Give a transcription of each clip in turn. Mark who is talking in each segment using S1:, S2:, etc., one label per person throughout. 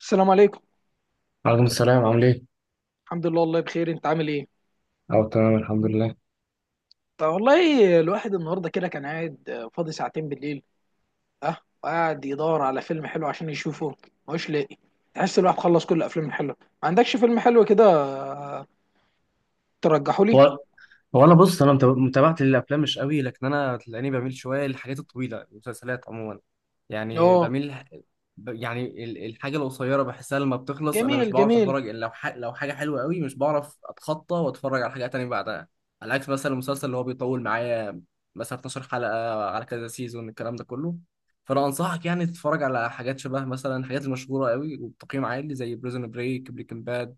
S1: السلام عليكم.
S2: عليكم السلام، عامل ايه؟
S1: الحمد لله والله بخير، انت عامل ايه؟
S2: اه تمام الحمد لله.
S1: طب والله الواحد النهارده كده كان قاعد فاضي ساعتين بالليل. اه. وقاعد يدور على فيلم حلو عشان يشوفه، مش لاقي. تحس الواحد خلص كل الافلام الحلوه. ما عندكش فيلم حلو كده ترجحه لي؟
S2: هو هو انا بص، انا متابعه الافلام مش قوي، لكن انا تلاقيني بميل شويه للحاجات الطويله، المسلسلات عموما. يعني
S1: اه،
S2: بميل، يعني الحاجه القصيره بحسها لما بتخلص، انا مش
S1: جميل
S2: بعرف
S1: جميل.
S2: اتفرج الا لو لو حاجه حلوه قوي، مش بعرف اتخطى واتفرج على حاجه تانية بعدها. على عكس مثلا المسلسل اللي هو بيطول معايا، مثلا 12 حلقه على كذا سيزون الكلام ده كله. فانا انصحك يعني تتفرج على حاجات شبه مثلا الحاجات المشهوره قوي وبتقييم عالي، زي بريزون بريك، بريكنج باد،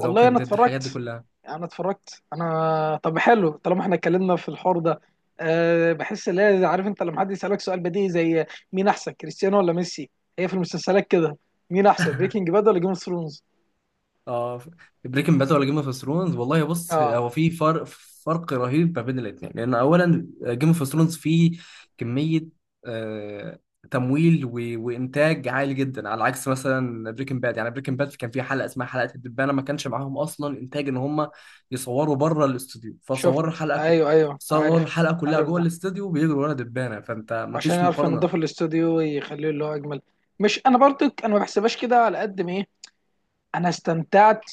S2: ذا ووكينج
S1: انا
S2: ديد، الحاجات دي
S1: اتفرجت.
S2: كلها.
S1: انا طب حلو، طالما احنا اتكلمنا في الحوار ده، بحس ان عارف انت لما حد يسالك سؤال بديهي زي مين احسن، كريستيانو ولا ميسي؟ هي في المسلسلات كده، مين احسن، بريكنج باد ولا جيم اوف ثرونز؟
S2: اه. بريكنج باد ولا جيم اوف ثرونز؟ والله بص،
S1: اه،
S2: هو في فرق، فرق رهيب ما بين الاثنين. لان اولا جيم اوف ثرونز فيه كميه، آه تمويل وانتاج عالي جدا. على عكس مثلا بريكنج باد، يعني بريكنج باد كان في حلقه اسمها حلقه الدبانه، ما كانش معاهم اصلا انتاج ان هم يصوروا بره الاستوديو، فصوروا
S1: شفت،
S2: الحلقه كلها،
S1: ايوه ايوه
S2: صوروا
S1: عارف.
S2: الحلقه كلها
S1: عارف
S2: جوه
S1: ده
S2: الاستوديو بيجروا ورا دبانه. فانت ما
S1: عشان
S2: فيش
S1: يعرفوا ينضفوا
S2: مقارنه.
S1: الاستوديو ويخليه اللي هو اجمل. مش انا برضك، انا ما بحسبهاش كده، على قد ما ايه، انا استمتعت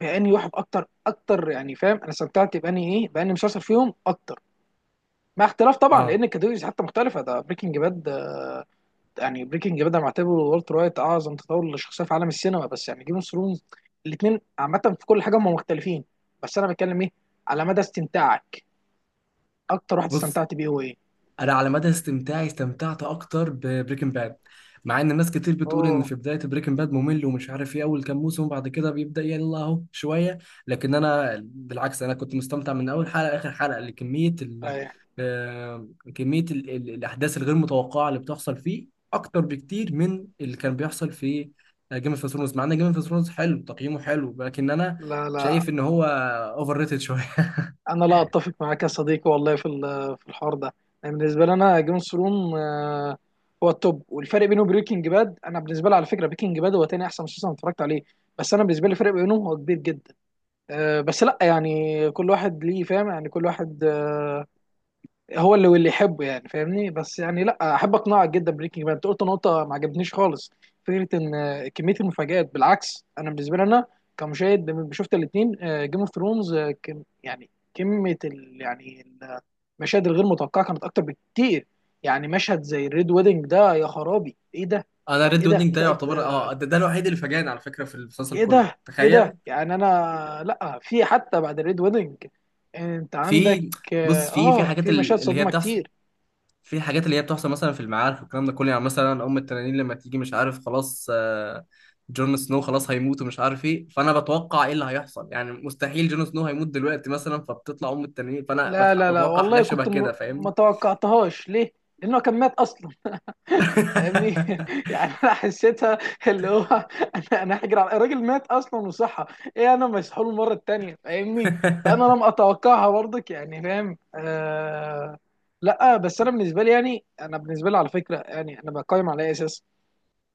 S1: باني واحد اكتر اكتر، يعني فاهم، انا استمتعت باني ايه، باني مسلسل فيهم اكتر، مع اختلاف طبعا
S2: اه.
S1: لان الكاتيجوريز حتى مختلفه، ده بريكنج باد. يعني بريكنج باد انا معتبره والتر وايت اعظم تطور للشخصيه في عالم السينما، بس يعني جيم اوف ثرونز، الاثنين عامه في كل حاجه هم مختلفين. بس انا بتكلم ايه، على مدى استمتاعك، اكتر واحد
S2: بص،
S1: استمتعت بيه هو ايه؟
S2: انا على مدى استمتاعي استمتعت اكتر ببريكنج باد، مع ان ناس كتير بتقول
S1: اوه.
S2: ان في بدايه بريكنج باد ممل ومش عارف ايه اول كام موسم وبعد كده بيبدا يلا اهو شويه. لكن انا بالعكس، انا كنت مستمتع من اول حلقه لاخر حلقه لكميه ال
S1: أي.
S2: آه، كميه ال الاحداث الغير متوقعه اللي بتحصل فيه، اكتر بكتير من اللي كان بيحصل في جيم اوف ثرونز. مع ان جيم اوف ثرونز حلو، تقييمه حلو، لكن انا
S1: لا لا،
S2: شايف ان هو اوفر ريتد شويه.
S1: أنا لا أتفق معاك يا صديقي والله في في الحوار ده. يعني بالنسبة لي، أنا جيم اوف ثرون هو التوب، والفرق بينه وبريكنج باد، أنا بالنسبة لي على فكرة بريكنج باد هو تاني أحسن مسلسل أنا اتفرجت عليه، بس أنا بالنسبة لي الفرق بينهم هو كبير جدا. أه بس لا، يعني كل واحد ليه فاهم، يعني كل واحد هو اللي واللي يحبه، يعني فاهمني؟ بس يعني لا احب اقنعك جدا. بريكنج باد انت قلت نقطه ما عجبتنيش خالص، فكره ان كميه المفاجآت. بالعكس انا بالنسبه لي، انا كمشاهد لما شفت الاثنين، جيم اوف ثرونز يعني كميه ال، يعني المشاهد الغير متوقعه كانت اكتر بكتير. يعني مشهد زي الريد ويدنج ده، يا خرابي ايه ده؟
S2: انا
S1: ايه
S2: ريد
S1: ده؟
S2: ويدنج
S1: انت
S2: ده يعتبر اه ده الوحيد اللي فاجأني على فكره في المسلسل
S1: ايه
S2: كله،
S1: ده؟ ايه ده؟
S2: تخيل.
S1: يعني انا لا، في حتى بعد الريد ويدنج انت عندك،
S2: في
S1: اه
S2: بص، في في حاجات
S1: في مشاهد
S2: اللي هي
S1: صدمه
S2: بتحصل،
S1: كتير.
S2: في حاجات اللي هي بتحصل مثلا في المعارك والكلام ده كله. يعني مثلا ام التنانين لما تيجي، مش عارف، خلاص جون سنو خلاص هيموت ومش عارف ايه، فانا بتوقع ايه اللي هيحصل. يعني مستحيل جون سنو هيموت دلوقتي مثلا، فبتطلع ام التنانين، فانا
S1: لا لا لا
S2: بتوقع حاجه
S1: والله
S2: شبه
S1: كنت
S2: كده،
S1: ما
S2: فاهمني.
S1: توقعتهاش. ليه؟ لأنه كان مات أصلا. فاهمني؟ يعني انا حسيتها اللي هو، انا هجري على الراجل، مات اصلا وصحى. ايه، انا مسحول المره التانيه، فاهمني؟ فانا لم اتوقعها برضك، يعني فاهم، آه. لا بس انا بالنسبه لي، يعني انا بالنسبه لي على فكره، يعني انا بقيم على اي اساس؟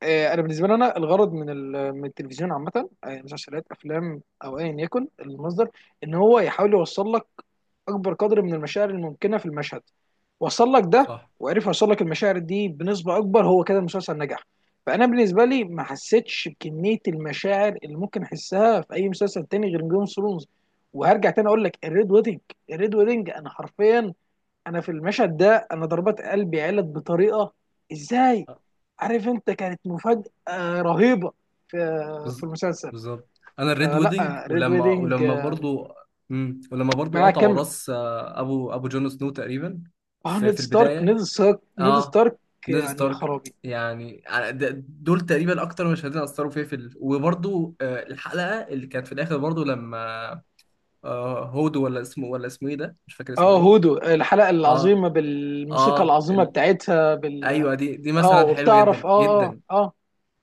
S1: انا بالنسبه لي، انا الغرض من من التلفزيون عامه، يعني مسلسلات، افلام، او ايا يكن المصدر، ان هو يحاول يوصل لك اكبر قدر من المشاعر الممكنه في المشهد. وصل لك ده
S2: صح.
S1: وعرف يوصل لك المشاعر دي بنسبه اكبر، هو كده المسلسل نجح. فانا بالنسبه لي ما حسيتش بكميه المشاعر اللي ممكن احسها في اي مسلسل تاني غير جيم اوف ثرونز. وهرجع تاني اقول لك الريد ويدنج، الريد ويدنج انا حرفيا، انا في المشهد ده انا ضربات قلبي علت بطريقه، ازاي؟ عارف انت، كانت مفاجأة رهيبة في في
S2: بز-
S1: المسلسل.
S2: بالظبط، انا الريد ويدنج،
S1: فلا، ريد
S2: ولما
S1: ويدنج،
S2: ولما برضو ولما برضو
S1: معاه
S2: قطعوا
S1: كمل.
S2: راس ابو جون سنو تقريبا،
S1: اه،
S2: في
S1: نيد
S2: في
S1: ستارك
S2: البدايه.
S1: نيد ستارك نيد
S2: اه
S1: ستارك
S2: نيد
S1: يعني
S2: ستارك.
S1: خرابي.
S2: يعني دول تقريبا اكتر مشهدين اثروا فيا في وبرضو الحلقه اللي كانت في الاخر، برضو لما هودو، ولا اسمه، ولا اسمه ايه ده، مش فاكر اسمه
S1: اه،
S2: ايه.
S1: هودو، الحلقة
S2: اه
S1: العظيمة بالموسيقى
S2: اه
S1: العظيمة بتاعتها بال،
S2: ايوه، دي
S1: اه،
S2: مثلا حلوه
S1: وبتعرف،
S2: جدا
S1: اه اه
S2: جدا.
S1: اه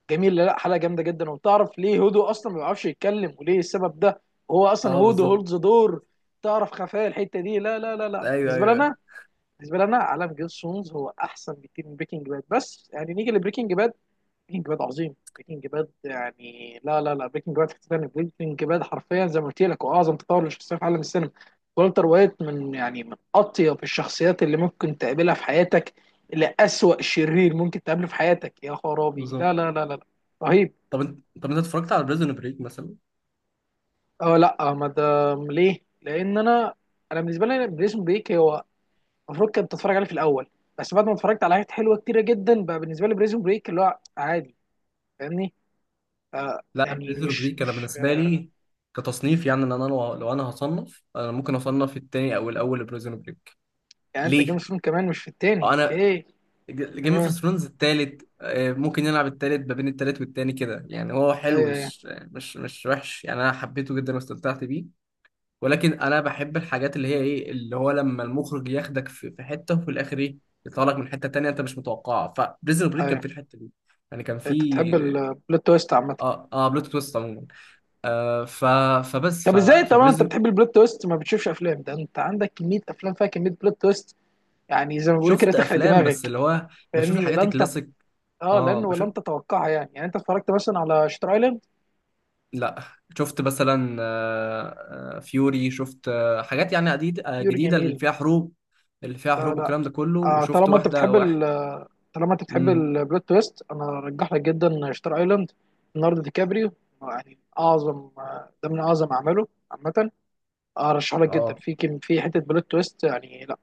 S1: جميل، لا حلقة جامدة جدا. وبتعرف ليه هودو اصلا ما بيعرفش يتكلم، وليه السبب ده؟ هو اصلا
S2: اه
S1: هودو
S2: بالظبط.
S1: هولد ذا دور، تعرف خفايا الحتة دي. لا لا لا لا،
S2: ايوه
S1: بالنسبة
S2: ايوه.
S1: لنا، بالنسبه لنا عالم جيم اوف ثرونز هو احسن بكتير من بريكنج باد، بس يعني نيجي لبريكنج باد، بريكنج باد عظيم، بريكنج باد يعني لا لا لا، بريكنج باد في تاني، بريكنج باد حرفيا زي ما قلت لك هو اعظم تطور للشخصيه في عالم السينما. والتر وايت من، يعني من اطيب الشخصيات اللي ممكن تقابلها في حياتك، لأسوأ شرير ممكن تقابله في حياتك، يا خرابي،
S2: بالظبط.
S1: لا لا لا لا, لا. رهيب.
S2: طب انت، انت اتفرجت على بريزون بريك مثلا؟
S1: اه لا ما دام ليه، لان انا، انا بالنسبه لي بريزون بريك هو المفروض كنت اتفرج عليه في الاول، بس بعد ما اتفرجت على حاجات حلوه كتيره جدا، بقى بالنسبه لي بريزون بريك اللي هو عادي، فاهمني؟
S2: لا
S1: يعني
S2: بريزو
S1: مش
S2: بريك انا
S1: مش
S2: بالنسبه لي كتصنيف، يعني ان انا لو انا هصنف، انا ممكن اصنف التاني او الاول بريزون بريك.
S1: يعني انت
S2: ليه؟
S1: جيمس بوند كمان مش في التاني،
S2: انا
S1: اوكي.
S2: جيم اوف
S1: تمام.
S2: ثرونز التالت، ممكن يلعب التالت ما بين التالت والتاني كده، يعني هو حلو،
S1: ايوه ايوه.
S2: مش مش مش وحش، يعني انا حبيته جدا واستمتعت بيه. ولكن انا بحب الحاجات اللي هي ايه، اللي هو لما المخرج ياخدك في في حته وفي الاخر ايه، يطلعك من حته تانيه انت مش متوقعها. فبريزون بريك كان
S1: ايوه
S2: في الحته دي، يعني كان في.
S1: انت بتحب البلوت تويست عامه.
S2: اه اه، بلوت تويست عموما. آه، ف...
S1: طب ازاي طبعا انت
S2: فبريزن.
S1: بتحب البلوت تويست ما بتشوفش افلام؟ ده انت عندك كميه افلام فيها كميه بلوت تويست، يعني زي ما بيقولوا كده
S2: شفت
S1: تخرق
S2: افلام، بس
S1: دماغك،
S2: اللي هو بشوف
S1: فاهمني؟ لا
S2: الحاجات
S1: انت،
S2: الكلاسيك.
S1: اه،
S2: اه
S1: لان ولا
S2: بشوف.
S1: انت تتوقعها، يعني يعني انت اتفرجت مثلا على شتر ايلاند؟
S2: لا، شفت مثلا فيوري، شفت حاجات يعني عديد... آه،
S1: يور
S2: جديده اللي
S1: جميل.
S2: فيها حروب، اللي فيها
S1: لا
S2: حروب
S1: لا
S2: والكلام ده كله. وشفت
S1: طالما انت
S2: واحده
S1: بتحب
S2: واحد.
S1: ال، طالما انت بتحب
S2: امم.
S1: البلوت تويست، انا ارجح لك جدا شتار ايلاند. ليوناردو دي كابريو، يعني اعظم ده من اعظم اعماله عامه. ارشح لك جدا،
S2: اه
S1: في كم، في حته بلوت تويست، يعني لا،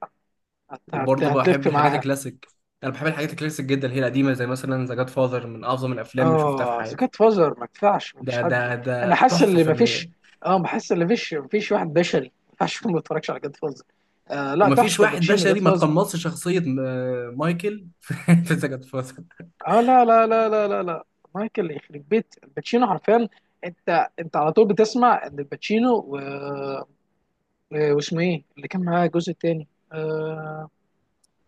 S1: هت
S2: وبرضه
S1: هتلف
S2: بحب الحاجات
S1: معاها.
S2: الكلاسيك، انا بحب الحاجات الكلاسيك جدا، اللي هي القديمه. زي مثلا ذا جاد فاذر، من اعظم الافلام اللي شفتها في
S1: اه، ذا
S2: حياتي.
S1: جاد فازر ما ينفعش، ما فيش
S2: ده
S1: حد،
S2: ده
S1: انا
S2: ده
S1: حاسس
S2: تحفه
S1: ان ما فيش،
S2: فنيه.
S1: اه بحس ان ما فيش، ما فيش واحد بشري ما ينفعش يكون ما اتفرجش على جاد فازر. آه لا، تحفه،
S2: ومفيش واحد
S1: الباتشينو جاد
S2: بشري ما
S1: فازر.
S2: تقمصش شخصية مايكل في في سجن فاصل.
S1: اه لا لا لا لا لا لا، مايكل يخرب بيت الباتشينو حرفيا. انت على طول بتسمع ان الباتشينو و... واسمه ايه اللي كان معاه الجزء الثاني؟ آه...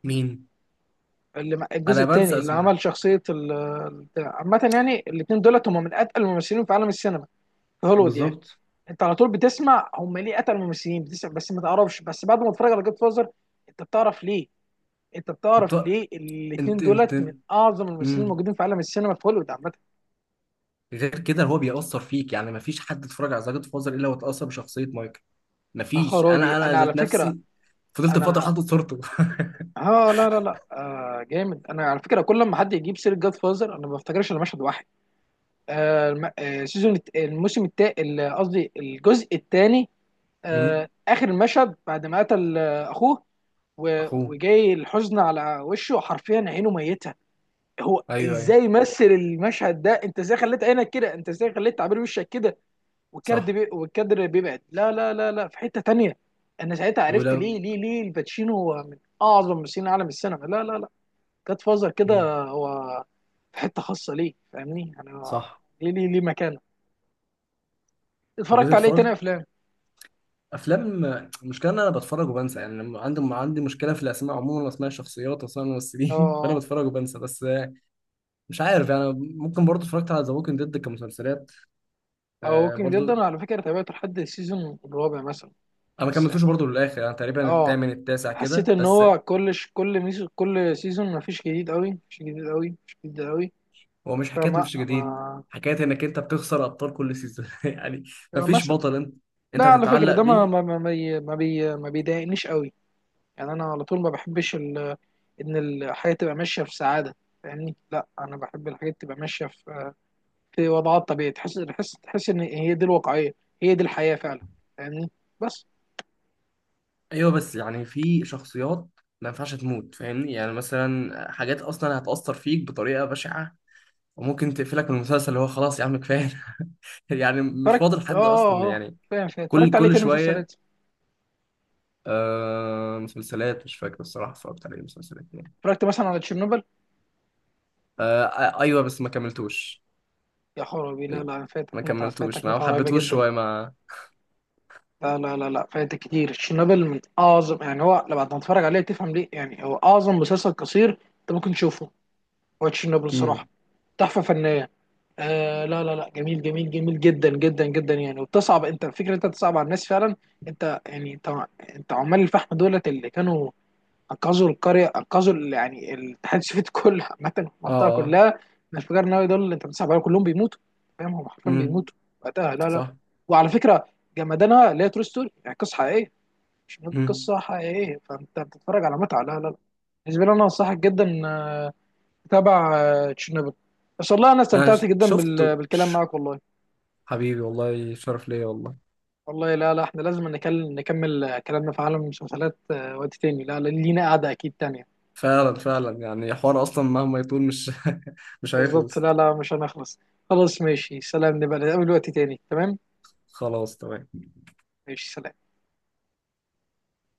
S2: مين؟
S1: اللي الجزء
S2: أنا
S1: الثاني،
S2: بنسى
S1: اللي
S2: أسماء.
S1: عمل شخصيه ال... البتاع. عامه يعني الاثنين دولت هم من اتقل الممثلين في عالم السينما في هوليوود يعني.
S2: بالظبط.
S1: انت على طول بتسمع هم ليه اتقل الممثلين، بتسمع بس ما تعرفش، بس بعد ما تتفرج على جود فازر انت بتعرف ليه، انت
S2: طب
S1: بتعرف
S2: طب-
S1: ليه الاثنين
S2: أنت
S1: دولت من اعظم الممثلين
S2: أمم.
S1: الموجودين في عالم السينما في هوليوود عامه.
S2: غير كده هو بيأثر فيك، يعني مفيش حد اتفرج على سجن فاصل إلا واتأثر بشخصية مايكل.
S1: يا
S2: مفيش.
S1: خرابي
S2: أنا
S1: انا على
S2: ذات
S1: فكره،
S2: نفسي فضلت فترة
S1: انا،
S2: حاطط صورته.
S1: ها لا لا لا جامد. انا على فكره كل لما حد يجيب سيره جاد فازر انا ما بفتكرش الا مشهد واحد، آه الم... آه سيزون الموسم التاني، قصدي الجزء الثاني، آه
S2: أمم.
S1: اخر المشهد، بعد ما قتل آه اخوه و...
S2: أخوه.
S1: وجاي الحزن على وشه حرفيا، عينه ميته. هو
S2: أيوه أيوه.
S1: ازاي مثل المشهد ده؟ انت ازاي خليت عينك كده؟ انت ازاي خليت تعبير وشك كده؟
S2: صح.
S1: والكادر بيبعد، لا لا لا لا، في حته تانيه. انا ساعتها عرفت
S2: ولو
S1: ليه ليه ليه الباتشينو هو من اعظم ممثلين عالم السينما. لا لا، جاد فازر
S2: أمم.
S1: كده هو في حته خاصه ليه، فاهمني؟ انا
S2: صح.
S1: ليه ليه ليه مكانه.
S2: طب أنت
S1: اتفرجت عليه تاني
S2: اتفرجت
S1: افلام.
S2: افلام. المشكله ان انا بتفرج وبنسى، يعني لما عندي مشكله في الاسماء عموما، واسماء الشخصيات واسماء الممثلين. فانا
S1: اه.
S2: بتفرج وبنسى، بس مش عارف. يعني ممكن برضو اتفرجت على ذا ووكينج ديد كمسلسلات
S1: اه ووكينج ديد
S2: برضو.
S1: انا على فكره تابعته لحد السيزون الرابع مثلا،
S2: انا ما
S1: بس
S2: كملتوش
S1: يعني،
S2: برضو للاخر، انا تقريبا
S1: اه،
S2: الثامن التاسع
S1: حسيت
S2: كده
S1: ان
S2: بس.
S1: هو كل كل سيزون ما فيش جديد قوي، مش جديد قوي، مش جديد قوي،
S2: هو مش حكايه
S1: فما
S2: مفيش جديد،
S1: ما،
S2: حكايه انك انت بتخسر ابطال كل سيزون. يعني مفيش
S1: مثلا،
S2: بطل انت
S1: لا
S2: انت
S1: على فكره
S2: هتتعلق
S1: ده
S2: بيه.
S1: ما بيضايقنيش قوي، يعني انا على طول ما بحبش ال... ان الحياه تبقى ماشيه في سعاده، فاهمني؟ لا انا بحب الحاجات تبقى ماشيه في، في وضعات طبيعية، تحس ان هي دي الواقعية، هي دي الحياة فعلا، فاهمني؟ بس.
S2: ايوه، بس يعني في شخصيات ما ينفعش تموت، فاهمني؟ يعني مثلا حاجات اصلا هتأثر فيك بطريقه بشعه، وممكن تقفلك من المسلسل اللي هو خلاص يا عم كفايه. يعني مش
S1: اتفرجت،
S2: فاضل حد اصلا. يعني
S1: فاهم فاهم،
S2: كل
S1: اتفرجت عليه
S2: كل
S1: تاني
S2: شويه.
S1: مسلسلات،
S2: آه مسلسلات، مش فاكر الصراحه اتفرجت على ايه مسلسلات يعني.
S1: اتفرجت مثلا على تشيرنوبل.
S2: ايوه بس ما كملتوش.
S1: يا خرابي، لا
S2: إيه،
S1: لا، فاتك
S2: ما
S1: متعة،
S2: كملتوش
S1: فاتك
S2: ما
S1: متعة رهيبة
S2: حبيتهوش
S1: جدا.
S2: شويه ما.
S1: لا لا لا لا، فاتك كتير، تشيرنوبل من اعظم، يعني هو لما تتفرج عليه تفهم ليه، يعني هو اعظم مسلسل قصير انت ممكن تشوفه. هو تشيرنوبل الصراحة
S2: امم.
S1: تحفة فنية. آه لا لا لا، جميل جميل جميل جدا جدا جدا، يعني وبتصعب انت، الفكره انت بتصعب على الناس فعلا. انت يعني انت، انت عمال الفحم دولت اللي كانوا انقذوا القريه انقذوا يعني الاتحاد السوفيتي كله عامه،
S2: اه
S1: المنطقه
S2: اه.
S1: كلها من الانفجار النووي، دول اللي انت بتصعب عليهم كلهم بيموتوا، فاهم؟ هم حرفيا
S2: امم.
S1: بيموتوا وقتها. لا لا،
S2: صح.
S1: وعلى فكره جمدانها اللي هي ترو ستوري، يعني قصه حقيقيه، مش
S2: امم.
S1: قصه حقيقيه، فانت بتتفرج على متعه. لا لا لا. بالنسبه لي انا انصحك جدا تبع تشيرنوبل. بس والله انا
S2: انا
S1: استمتعت جدا بالكلام معاك والله.
S2: حبيبي والله شرف ليا والله.
S1: والله لا لا، احنا لازم نكمل كلامنا في عالم المسلسلات وقت تاني. لا لا، لينا قعدة اكيد تانية.
S2: فعلا فعلا، يعني حوار اصلا مهما يطول، مش مش
S1: بالظبط،
S2: هيخلص.
S1: لا لا مش هنخلص. خلاص ماشي، سلام، نبقى نتقابل وقت تاني، تمام.
S2: خلاص تمام.
S1: ماشي، سلام.